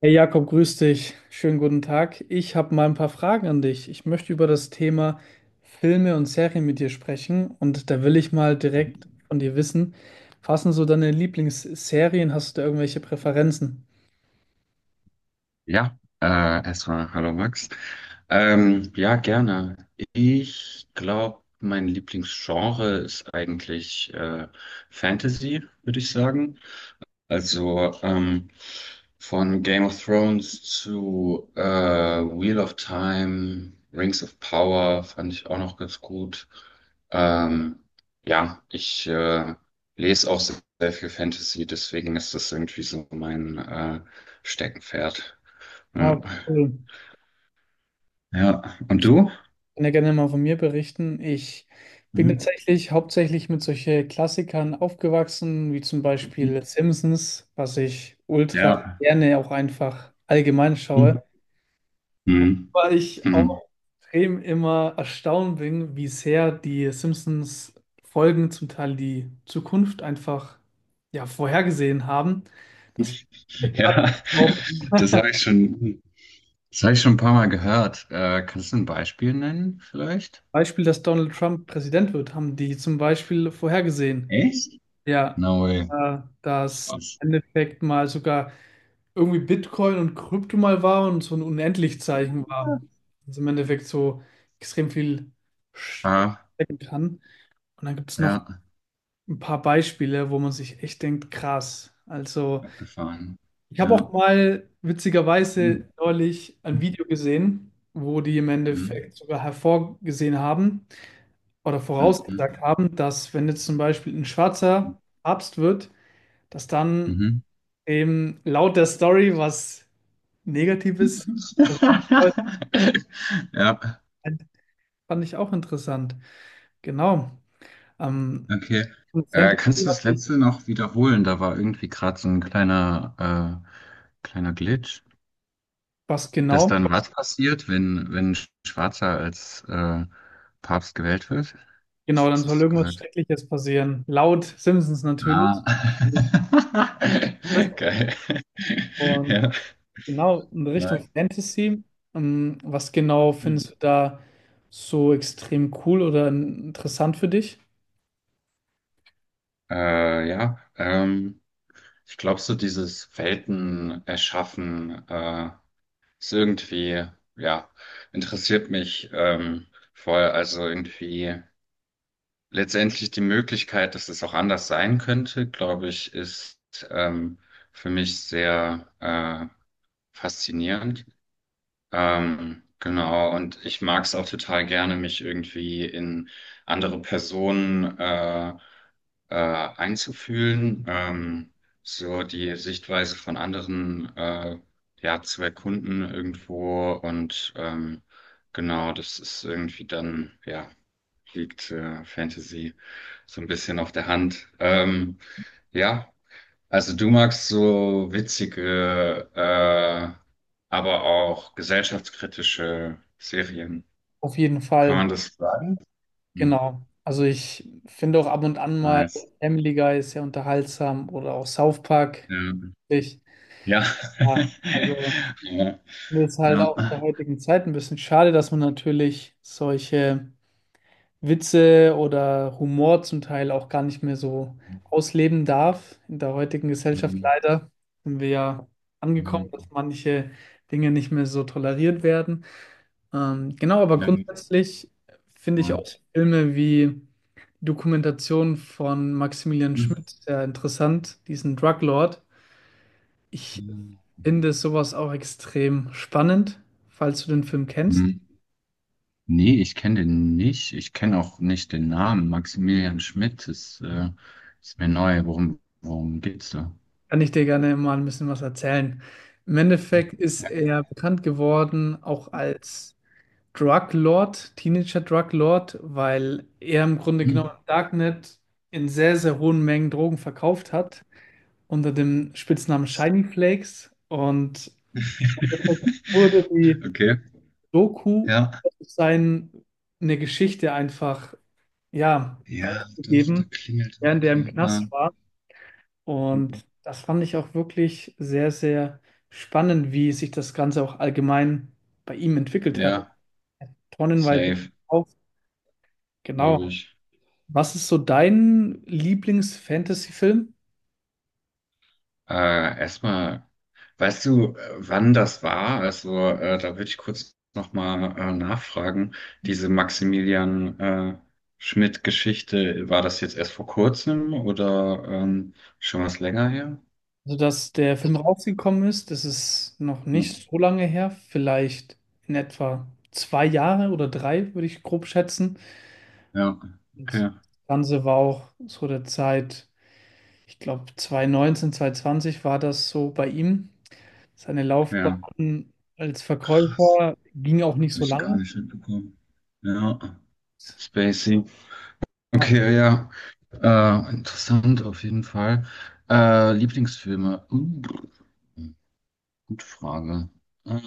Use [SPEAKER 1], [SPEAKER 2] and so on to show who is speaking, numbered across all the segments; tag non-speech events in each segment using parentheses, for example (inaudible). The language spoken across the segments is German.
[SPEAKER 1] Hey Jakob, grüß dich. Schönen guten Tag. Ich habe mal ein paar Fragen an dich. Ich möchte über das Thema Filme und Serien mit dir sprechen und da will ich mal direkt von dir wissen, was sind so deine Lieblingsserien? Hast du da irgendwelche Präferenzen?
[SPEAKER 2] Ja, erstmal hallo Max. Ja, gerne. Ich glaube, mein Lieblingsgenre ist eigentlich Fantasy, würde ich sagen. Also ähm, von Game of Thrones zu Wheel of Time, Rings of Power fand ich auch noch ganz gut. Ähm, ja, ich lese auch sehr, sehr viel Fantasy, deswegen ist das irgendwie so mein Steckenpferd. Ja.
[SPEAKER 1] Ah, cool.
[SPEAKER 2] Ja. Und
[SPEAKER 1] Ich
[SPEAKER 2] du?
[SPEAKER 1] kann ja gerne mal von mir berichten. Ich bin
[SPEAKER 2] Mhm.
[SPEAKER 1] tatsächlich hauptsächlich mit solchen Klassikern aufgewachsen, wie zum Beispiel
[SPEAKER 2] Mhm.
[SPEAKER 1] Simpsons, was ich ultra
[SPEAKER 2] Ja.
[SPEAKER 1] gerne auch einfach allgemein schaue.
[SPEAKER 2] Mhm. Mhm.
[SPEAKER 1] Wobei ich
[SPEAKER 2] Mhm.
[SPEAKER 1] auch extrem immer erstaunt bin, wie sehr die Simpsons-Folgen zum Teil die Zukunft einfach ja, vorhergesehen haben. Das (laughs) gerade
[SPEAKER 2] Ja,
[SPEAKER 1] auch
[SPEAKER 2] (laughs) das habe ich schon, das habe ich schon ein paar Mal gehört. Kannst du ein Beispiel nennen, vielleicht?
[SPEAKER 1] Beispiel, dass Donald Trump Präsident wird, haben die zum Beispiel vorhergesehen.
[SPEAKER 2] Echt?
[SPEAKER 1] Ja,
[SPEAKER 2] No way.
[SPEAKER 1] dass
[SPEAKER 2] Krass.
[SPEAKER 1] im Endeffekt mal sogar irgendwie Bitcoin und Krypto mal war und so ein Unendlichzeichen war. Also im Endeffekt so extrem viel
[SPEAKER 2] Ah,
[SPEAKER 1] stecken kann. Und dann gibt es noch
[SPEAKER 2] ja,
[SPEAKER 1] ein paar Beispiele, wo man sich echt denkt, krass. Also,
[SPEAKER 2] abgefahren.
[SPEAKER 1] ich habe auch
[SPEAKER 2] Ja.
[SPEAKER 1] mal witzigerweise
[SPEAKER 2] Mhm.
[SPEAKER 1] neulich ein Video gesehen, wo die im
[SPEAKER 2] Mhm.
[SPEAKER 1] Endeffekt sogar hervorgesehen haben oder
[SPEAKER 2] Mhm.
[SPEAKER 1] vorausgesagt haben, dass wenn jetzt zum Beispiel ein schwarzer Papst wird, dass dann
[SPEAKER 2] Mhm.
[SPEAKER 1] eben laut der Story was Negatives
[SPEAKER 2] (laughs) Ja.
[SPEAKER 1] fand ich auch interessant. Genau. Ähm,
[SPEAKER 2] Okay.
[SPEAKER 1] Fantasy,
[SPEAKER 2] Kannst du das
[SPEAKER 1] hab
[SPEAKER 2] letzte
[SPEAKER 1] ich-
[SPEAKER 2] noch wiederholen? Da war irgendwie gerade so ein kleiner, kleiner Glitch.
[SPEAKER 1] was
[SPEAKER 2] Dass
[SPEAKER 1] genau?
[SPEAKER 2] dann was passiert, wenn ein Schwarzer als Papst gewählt wird?
[SPEAKER 1] Genau,
[SPEAKER 2] Was
[SPEAKER 1] dann soll
[SPEAKER 2] hast du
[SPEAKER 1] irgendwas
[SPEAKER 2] gesagt?
[SPEAKER 1] Schreckliches passieren. Laut Simpsons natürlich.
[SPEAKER 2] Ah.
[SPEAKER 1] Das-
[SPEAKER 2] (laughs) Geil. (laughs)
[SPEAKER 1] Und
[SPEAKER 2] Ja,
[SPEAKER 1] genau in Richtung
[SPEAKER 2] nice.
[SPEAKER 1] Fantasy. Was genau findest du da so extrem cool oder interessant für dich?
[SPEAKER 2] Äh, ja, ähm, Ich glaube, so dieses Welten erschaffen ist irgendwie, ja, interessiert mich voll. Also irgendwie letztendlich die Möglichkeit, dass es auch anders sein könnte, glaube ich, ist ähm, für mich sehr faszinierend. Genau, und ich mag es auch total gerne, mich irgendwie in andere Personen einzufühlen, so die Sichtweise von anderen ja, zu erkunden irgendwo. Und genau, das ist irgendwie dann, ja, liegt Fantasy so ein bisschen auf der Hand. Ja. Also du magst so witzige, aber auch gesellschaftskritische Serien.
[SPEAKER 1] Auf jeden
[SPEAKER 2] Kann
[SPEAKER 1] Fall,
[SPEAKER 2] man das sagen? Hm,
[SPEAKER 1] genau. Also ich finde auch ab und an mal
[SPEAKER 2] nice.
[SPEAKER 1] Family Guy ist sehr unterhaltsam oder auch South Park. Ich,
[SPEAKER 2] Ja.
[SPEAKER 1] ja, also
[SPEAKER 2] Ja.
[SPEAKER 1] mir ist
[SPEAKER 2] (laughs)
[SPEAKER 1] halt
[SPEAKER 2] Ja.
[SPEAKER 1] auch in der
[SPEAKER 2] Ja.
[SPEAKER 1] heutigen Zeit ein bisschen schade, dass man natürlich solche Witze oder Humor zum Teil auch gar nicht mehr so ausleben darf. In der heutigen Gesellschaft
[SPEAKER 2] Hm,
[SPEAKER 1] leider sind wir ja angekommen, dass manche Dinge nicht mehr so toleriert werden. Genau, aber
[SPEAKER 2] ja,
[SPEAKER 1] grundsätzlich finde ich auch
[SPEAKER 2] cool.
[SPEAKER 1] Filme wie die Dokumentation von Maximilian
[SPEAKER 2] Hm.
[SPEAKER 1] Schmidt sehr interessant, diesen Drug Lord. Ich finde sowas auch extrem spannend, falls du den Film kennst.
[SPEAKER 2] Hm. Nee, ich kenne den nicht. Ich kenne auch nicht den Namen. Maximilian Schmidt ist, ist mir neu. Worum geht's da?
[SPEAKER 1] Kann ich dir gerne mal ein bisschen was erzählen. Im Endeffekt ist
[SPEAKER 2] Ja.
[SPEAKER 1] er bekannt geworden auch als Drug Lord, Teenager Drug Lord, weil er im Grunde
[SPEAKER 2] Hm.
[SPEAKER 1] genommen im Darknet in sehr, sehr hohen Mengen Drogen verkauft hat, unter dem Spitznamen Shiny Flakes. Und im Endeffekt
[SPEAKER 2] (laughs)
[SPEAKER 1] wurde die
[SPEAKER 2] Okay.
[SPEAKER 1] Doku
[SPEAKER 2] Ja,
[SPEAKER 1] seine Geschichte einfach, ja,
[SPEAKER 2] ja, doch, da
[SPEAKER 1] gegeben,
[SPEAKER 2] klingelt
[SPEAKER 1] während er im
[SPEAKER 2] irgendwie.
[SPEAKER 1] Knast war. Und das fand ich auch wirklich sehr, sehr spannend, wie sich das Ganze auch allgemein bei ihm entwickelt hat.
[SPEAKER 2] Ja,
[SPEAKER 1] Tonnenweise
[SPEAKER 2] safe,
[SPEAKER 1] auf.
[SPEAKER 2] glaube
[SPEAKER 1] Genau.
[SPEAKER 2] ich.
[SPEAKER 1] Was ist so dein Lieblings-Fantasy-Film?
[SPEAKER 2] Erstmal, weißt du, wann das war? Also, da würde ich kurz nochmal nachfragen. Diese Maximilian Schmidt-Geschichte, war das jetzt erst vor kurzem oder schon was länger her?
[SPEAKER 1] Also, dass der Film rausgekommen ist, das ist noch
[SPEAKER 2] Ja,
[SPEAKER 1] nicht so lange her, vielleicht in etwa 2 Jahre oder drei, würde ich grob schätzen.
[SPEAKER 2] ja,
[SPEAKER 1] Und das
[SPEAKER 2] okay,
[SPEAKER 1] Ganze war auch so der Zeit, ich glaube 2019, zwanzig war das so bei ihm. Seine
[SPEAKER 2] ja.
[SPEAKER 1] Laufbahn als
[SPEAKER 2] Krass,
[SPEAKER 1] Verkäufer ging auch nicht
[SPEAKER 2] habe
[SPEAKER 1] so
[SPEAKER 2] ich gar
[SPEAKER 1] lange.
[SPEAKER 2] nicht mitbekommen. Ja, Spacey.
[SPEAKER 1] Ja.
[SPEAKER 2] Okay, ja. Interessant auf jeden Fall. Lieblingsfilme. Gute Frage. Äh,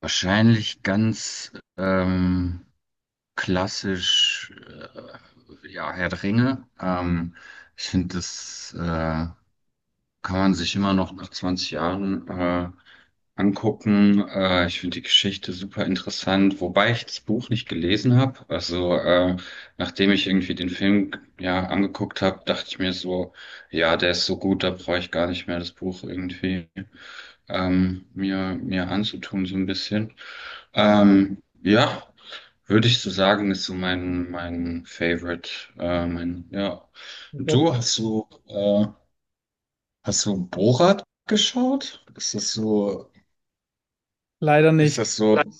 [SPEAKER 2] Wahrscheinlich ganz klassisch, ja, Herr der Ringe. Ich finde das kann man sich immer noch nach 20 Jahren angucken. Ich finde die Geschichte super interessant, wobei ich das Buch nicht gelesen habe. Nachdem ich irgendwie den Film ja angeguckt habe, dachte ich mir so, ja, der ist so gut, da brauche ich gar nicht mehr das Buch irgendwie mir anzutun so ein bisschen. Ja. Würde ich so sagen, ist so mein Favorite. Ja. Und du hast so, hast du Borat geschaut?
[SPEAKER 1] Leider
[SPEAKER 2] Ist
[SPEAKER 1] nicht.
[SPEAKER 2] das so nein,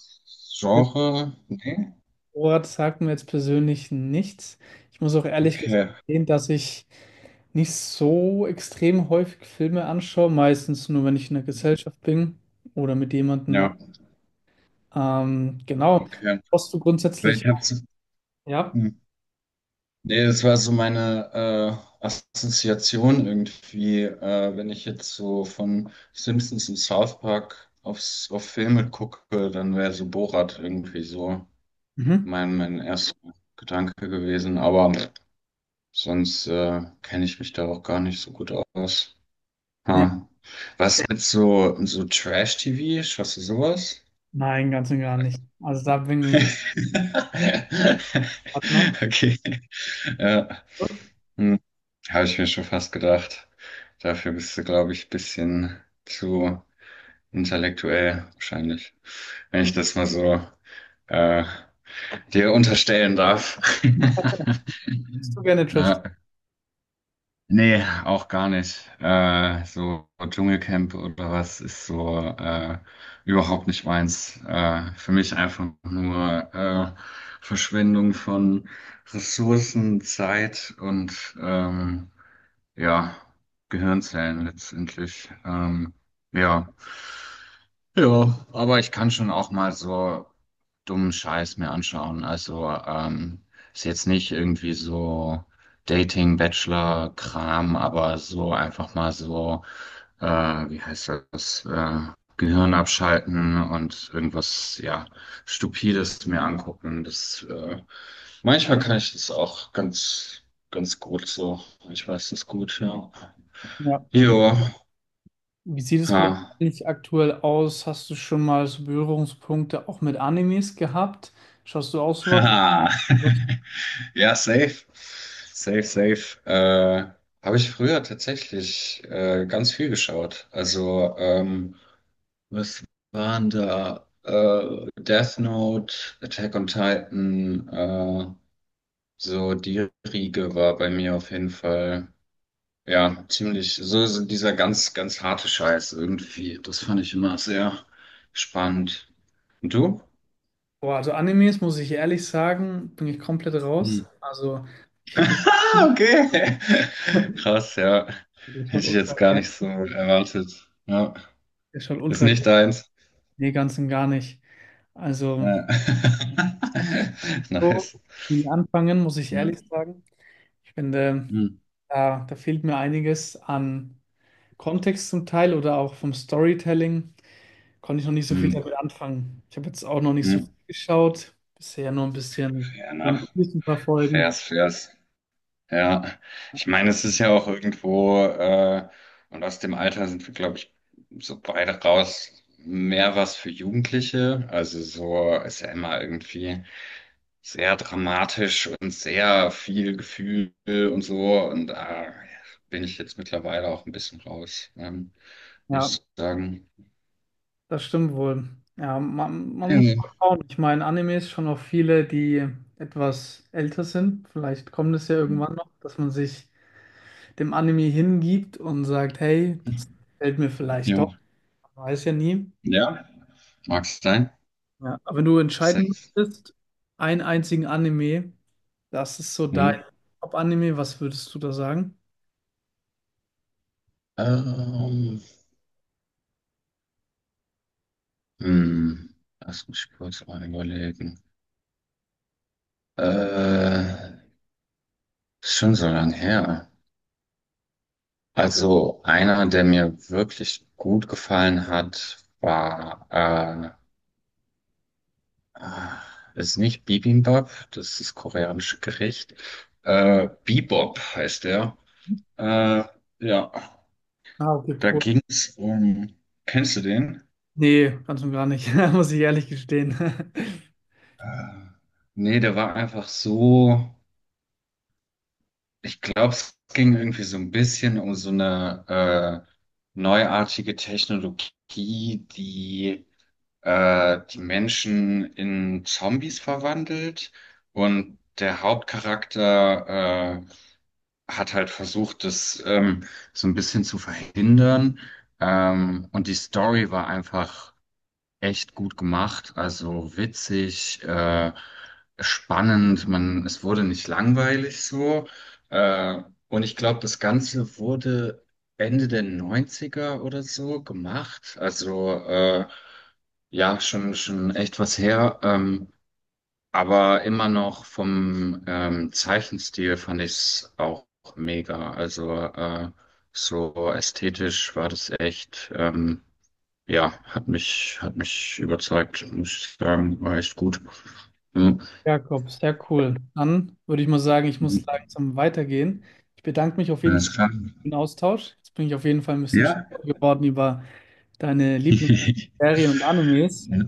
[SPEAKER 2] Genre? Nee?
[SPEAKER 1] Ort sagt mir jetzt persönlich nichts. Ich muss auch ehrlich
[SPEAKER 2] Okay.
[SPEAKER 1] gestehen, dass ich nicht so extrem häufig Filme anschaue, meistens nur, wenn ich in der Gesellschaft bin oder mit jemandem.
[SPEAKER 2] Ja,
[SPEAKER 1] Genau.
[SPEAKER 2] okay.
[SPEAKER 1] Hast du
[SPEAKER 2] Weil
[SPEAKER 1] grundsätzlich,
[SPEAKER 2] ich hab's,
[SPEAKER 1] ja?
[SPEAKER 2] hm, nee, das war so meine Assoziation irgendwie, wenn ich jetzt so von Simpsons und South Park auf Filme gucke, dann wäre so Borat irgendwie so
[SPEAKER 1] Mhm.
[SPEAKER 2] mein erster Gedanke gewesen. Aber sonst kenne ich mich da auch gar nicht so gut aus.
[SPEAKER 1] Ja.
[SPEAKER 2] Ha. Was mit so, so Trash-TV? Schaust du sowas? (laughs)
[SPEAKER 1] Nein, ganz und gar nicht. Also da bin ich Partner.
[SPEAKER 2] Okay. Ja. Hm. Habe ich mir schon fast gedacht. Dafür bist du, glaube ich, ein bisschen zu intellektuell, wahrscheinlich. Wenn ich das mal so äh, dir unterstellen darf. (laughs)
[SPEAKER 1] Hast du gerne Trash?
[SPEAKER 2] Ja. Nee, auch gar nicht. So Dschungelcamp oder was ist so überhaupt nicht meins. Für mich einfach nur Verschwendung von Ressourcen, Zeit und ja, Gehirnzellen letztendlich. Ja. Ja, aber ich kann schon auch mal so dummen Scheiß mir anschauen. Ist jetzt nicht irgendwie so Dating, Bachelor, Kram, aber so einfach mal so, äh, wie heißt das, Gehirn abschalten und irgendwas, ja, Stupides mir angucken. Das, manchmal kann ich das auch ganz gut so. Ich weiß das gut, ja.
[SPEAKER 1] Ja.
[SPEAKER 2] Jo,
[SPEAKER 1] Wie sieht es
[SPEAKER 2] ha.
[SPEAKER 1] bei dir eigentlich aktuell aus? Hast du schon mal so Berührungspunkte auch mit Animes gehabt? Schaust du auch sowas?
[SPEAKER 2] Haha.
[SPEAKER 1] Was-
[SPEAKER 2] (laughs) Ja, safe. Safe, safe. Habe ich früher tatsächlich ganz viel geschaut. Was waren da? Death Note, Attack on Titan, so die Riege war bei mir auf jeden Fall, ja, ziemlich, so, so dieser ganz harte Scheiß irgendwie. Das fand ich immer sehr spannend. Und du?
[SPEAKER 1] Boah, also Animes, muss ich ehrlich sagen, bin ich komplett raus. Also ich habe...
[SPEAKER 2] Ah, okay. (laughs)
[SPEAKER 1] (laughs)
[SPEAKER 2] Krass, ja.
[SPEAKER 1] Der schaut
[SPEAKER 2] Hätte ich
[SPEAKER 1] ultra
[SPEAKER 2] jetzt gar
[SPEAKER 1] gerne.
[SPEAKER 2] nicht so erwartet. Ja.
[SPEAKER 1] Der schaut
[SPEAKER 2] Ist
[SPEAKER 1] ultra gerne.
[SPEAKER 2] nicht deins.
[SPEAKER 1] Nee, ganz und gar nicht. Also
[SPEAKER 2] Ja. (laughs)
[SPEAKER 1] so
[SPEAKER 2] Nice.
[SPEAKER 1] viel anfangen, muss ich
[SPEAKER 2] Ja.
[SPEAKER 1] ehrlich sagen. Ich finde,
[SPEAKER 2] Hm.
[SPEAKER 1] da fehlt mir einiges an Kontext zum Teil oder auch vom Storytelling. Konnte ich noch nicht so viel
[SPEAKER 2] Hm.
[SPEAKER 1] damit anfangen. Ich habe jetzt auch noch nicht so
[SPEAKER 2] Hm.
[SPEAKER 1] viel geschaut. Bisher nur ein bisschen
[SPEAKER 2] Fair
[SPEAKER 1] One
[SPEAKER 2] enough.
[SPEAKER 1] Piece ein paar Folgen.
[SPEAKER 2] Fairs, fairs. Ja. Ich meine, es ist ja auch irgendwo, und aus dem Alter sind wir, glaube ich, so beide raus, mehr was für Jugendliche. Also so ist ja immer irgendwie sehr dramatisch und sehr viel Gefühl und so. Und da bin ich jetzt mittlerweile auch ein bisschen raus, muss
[SPEAKER 1] Ja,
[SPEAKER 2] ich sagen.
[SPEAKER 1] das stimmt wohl. Ja, man muss
[SPEAKER 2] Ja.
[SPEAKER 1] mal schauen. Ich meine, Animes schon auch viele, die etwas älter sind. Vielleicht kommt es ja irgendwann noch, dass man sich dem Anime hingibt und sagt, hey, das gefällt mir vielleicht
[SPEAKER 2] Jo.
[SPEAKER 1] doch. Man weiß ja nie.
[SPEAKER 2] Ja, mag sein.
[SPEAKER 1] Ja, aber wenn du entscheiden
[SPEAKER 2] Safe.
[SPEAKER 1] müsstest, einen einzigen Anime, das ist so
[SPEAKER 2] Hm.
[SPEAKER 1] dein Top-Anime, was würdest du da sagen?
[SPEAKER 2] Ähm, hm. Lass mich kurz mal überlegen. Äh, Ist schon so lang her. Also einer, der mir wirklich gut gefallen hat, war äh, ah, das ist nicht Bibimbap, das ist koreanisches Gericht. Bebop heißt der. Äh, ja,
[SPEAKER 1] Ah, okay,
[SPEAKER 2] da
[SPEAKER 1] cool.
[SPEAKER 2] ging es um. Kennst du den?
[SPEAKER 1] Nee, ganz und gar nicht, (laughs) muss ich ehrlich gestehen. (laughs)
[SPEAKER 2] Äh, Nee, der war einfach so. Ich glaube, es ging irgendwie so ein bisschen um so eine neuartige Technologie, die die Menschen in Zombies verwandelt. Und der Hauptcharakter hat halt versucht, das so ein bisschen zu verhindern. Und die Story war einfach echt gut gemacht, also witzig, spannend. Man, es wurde nicht langweilig so. Äh, und ich glaube, das Ganze wurde Ende der Neunziger oder so gemacht. Ja, schon, schon echt was her. Aber immer noch vom Zeichenstil fand ich es auch mega. So ästhetisch war das echt, ja, hat mich überzeugt, muss ich sagen, war echt gut. Ja,
[SPEAKER 1] Jakob, sehr cool. Dann würde ich mal sagen, ich muss langsam weitergehen. Ich bedanke mich auf jeden Fall
[SPEAKER 2] alles klar.
[SPEAKER 1] für den Austausch. Jetzt bin ich auf jeden Fall ein bisschen
[SPEAKER 2] Ja.
[SPEAKER 1] schlauer geworden über deine
[SPEAKER 2] (laughs)
[SPEAKER 1] Lieblingsserien und Animes.
[SPEAKER 2] Ja,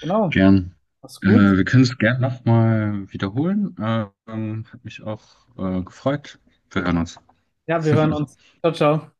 [SPEAKER 1] Genau,
[SPEAKER 2] gern.
[SPEAKER 1] mach's
[SPEAKER 2] Äh,
[SPEAKER 1] gut.
[SPEAKER 2] Wir können es gern nochmal wiederholen. Hat mich auch gefreut. Wir hören uns.
[SPEAKER 1] Ja, wir hören
[SPEAKER 2] (laughs)
[SPEAKER 1] uns. Ciao, ciao.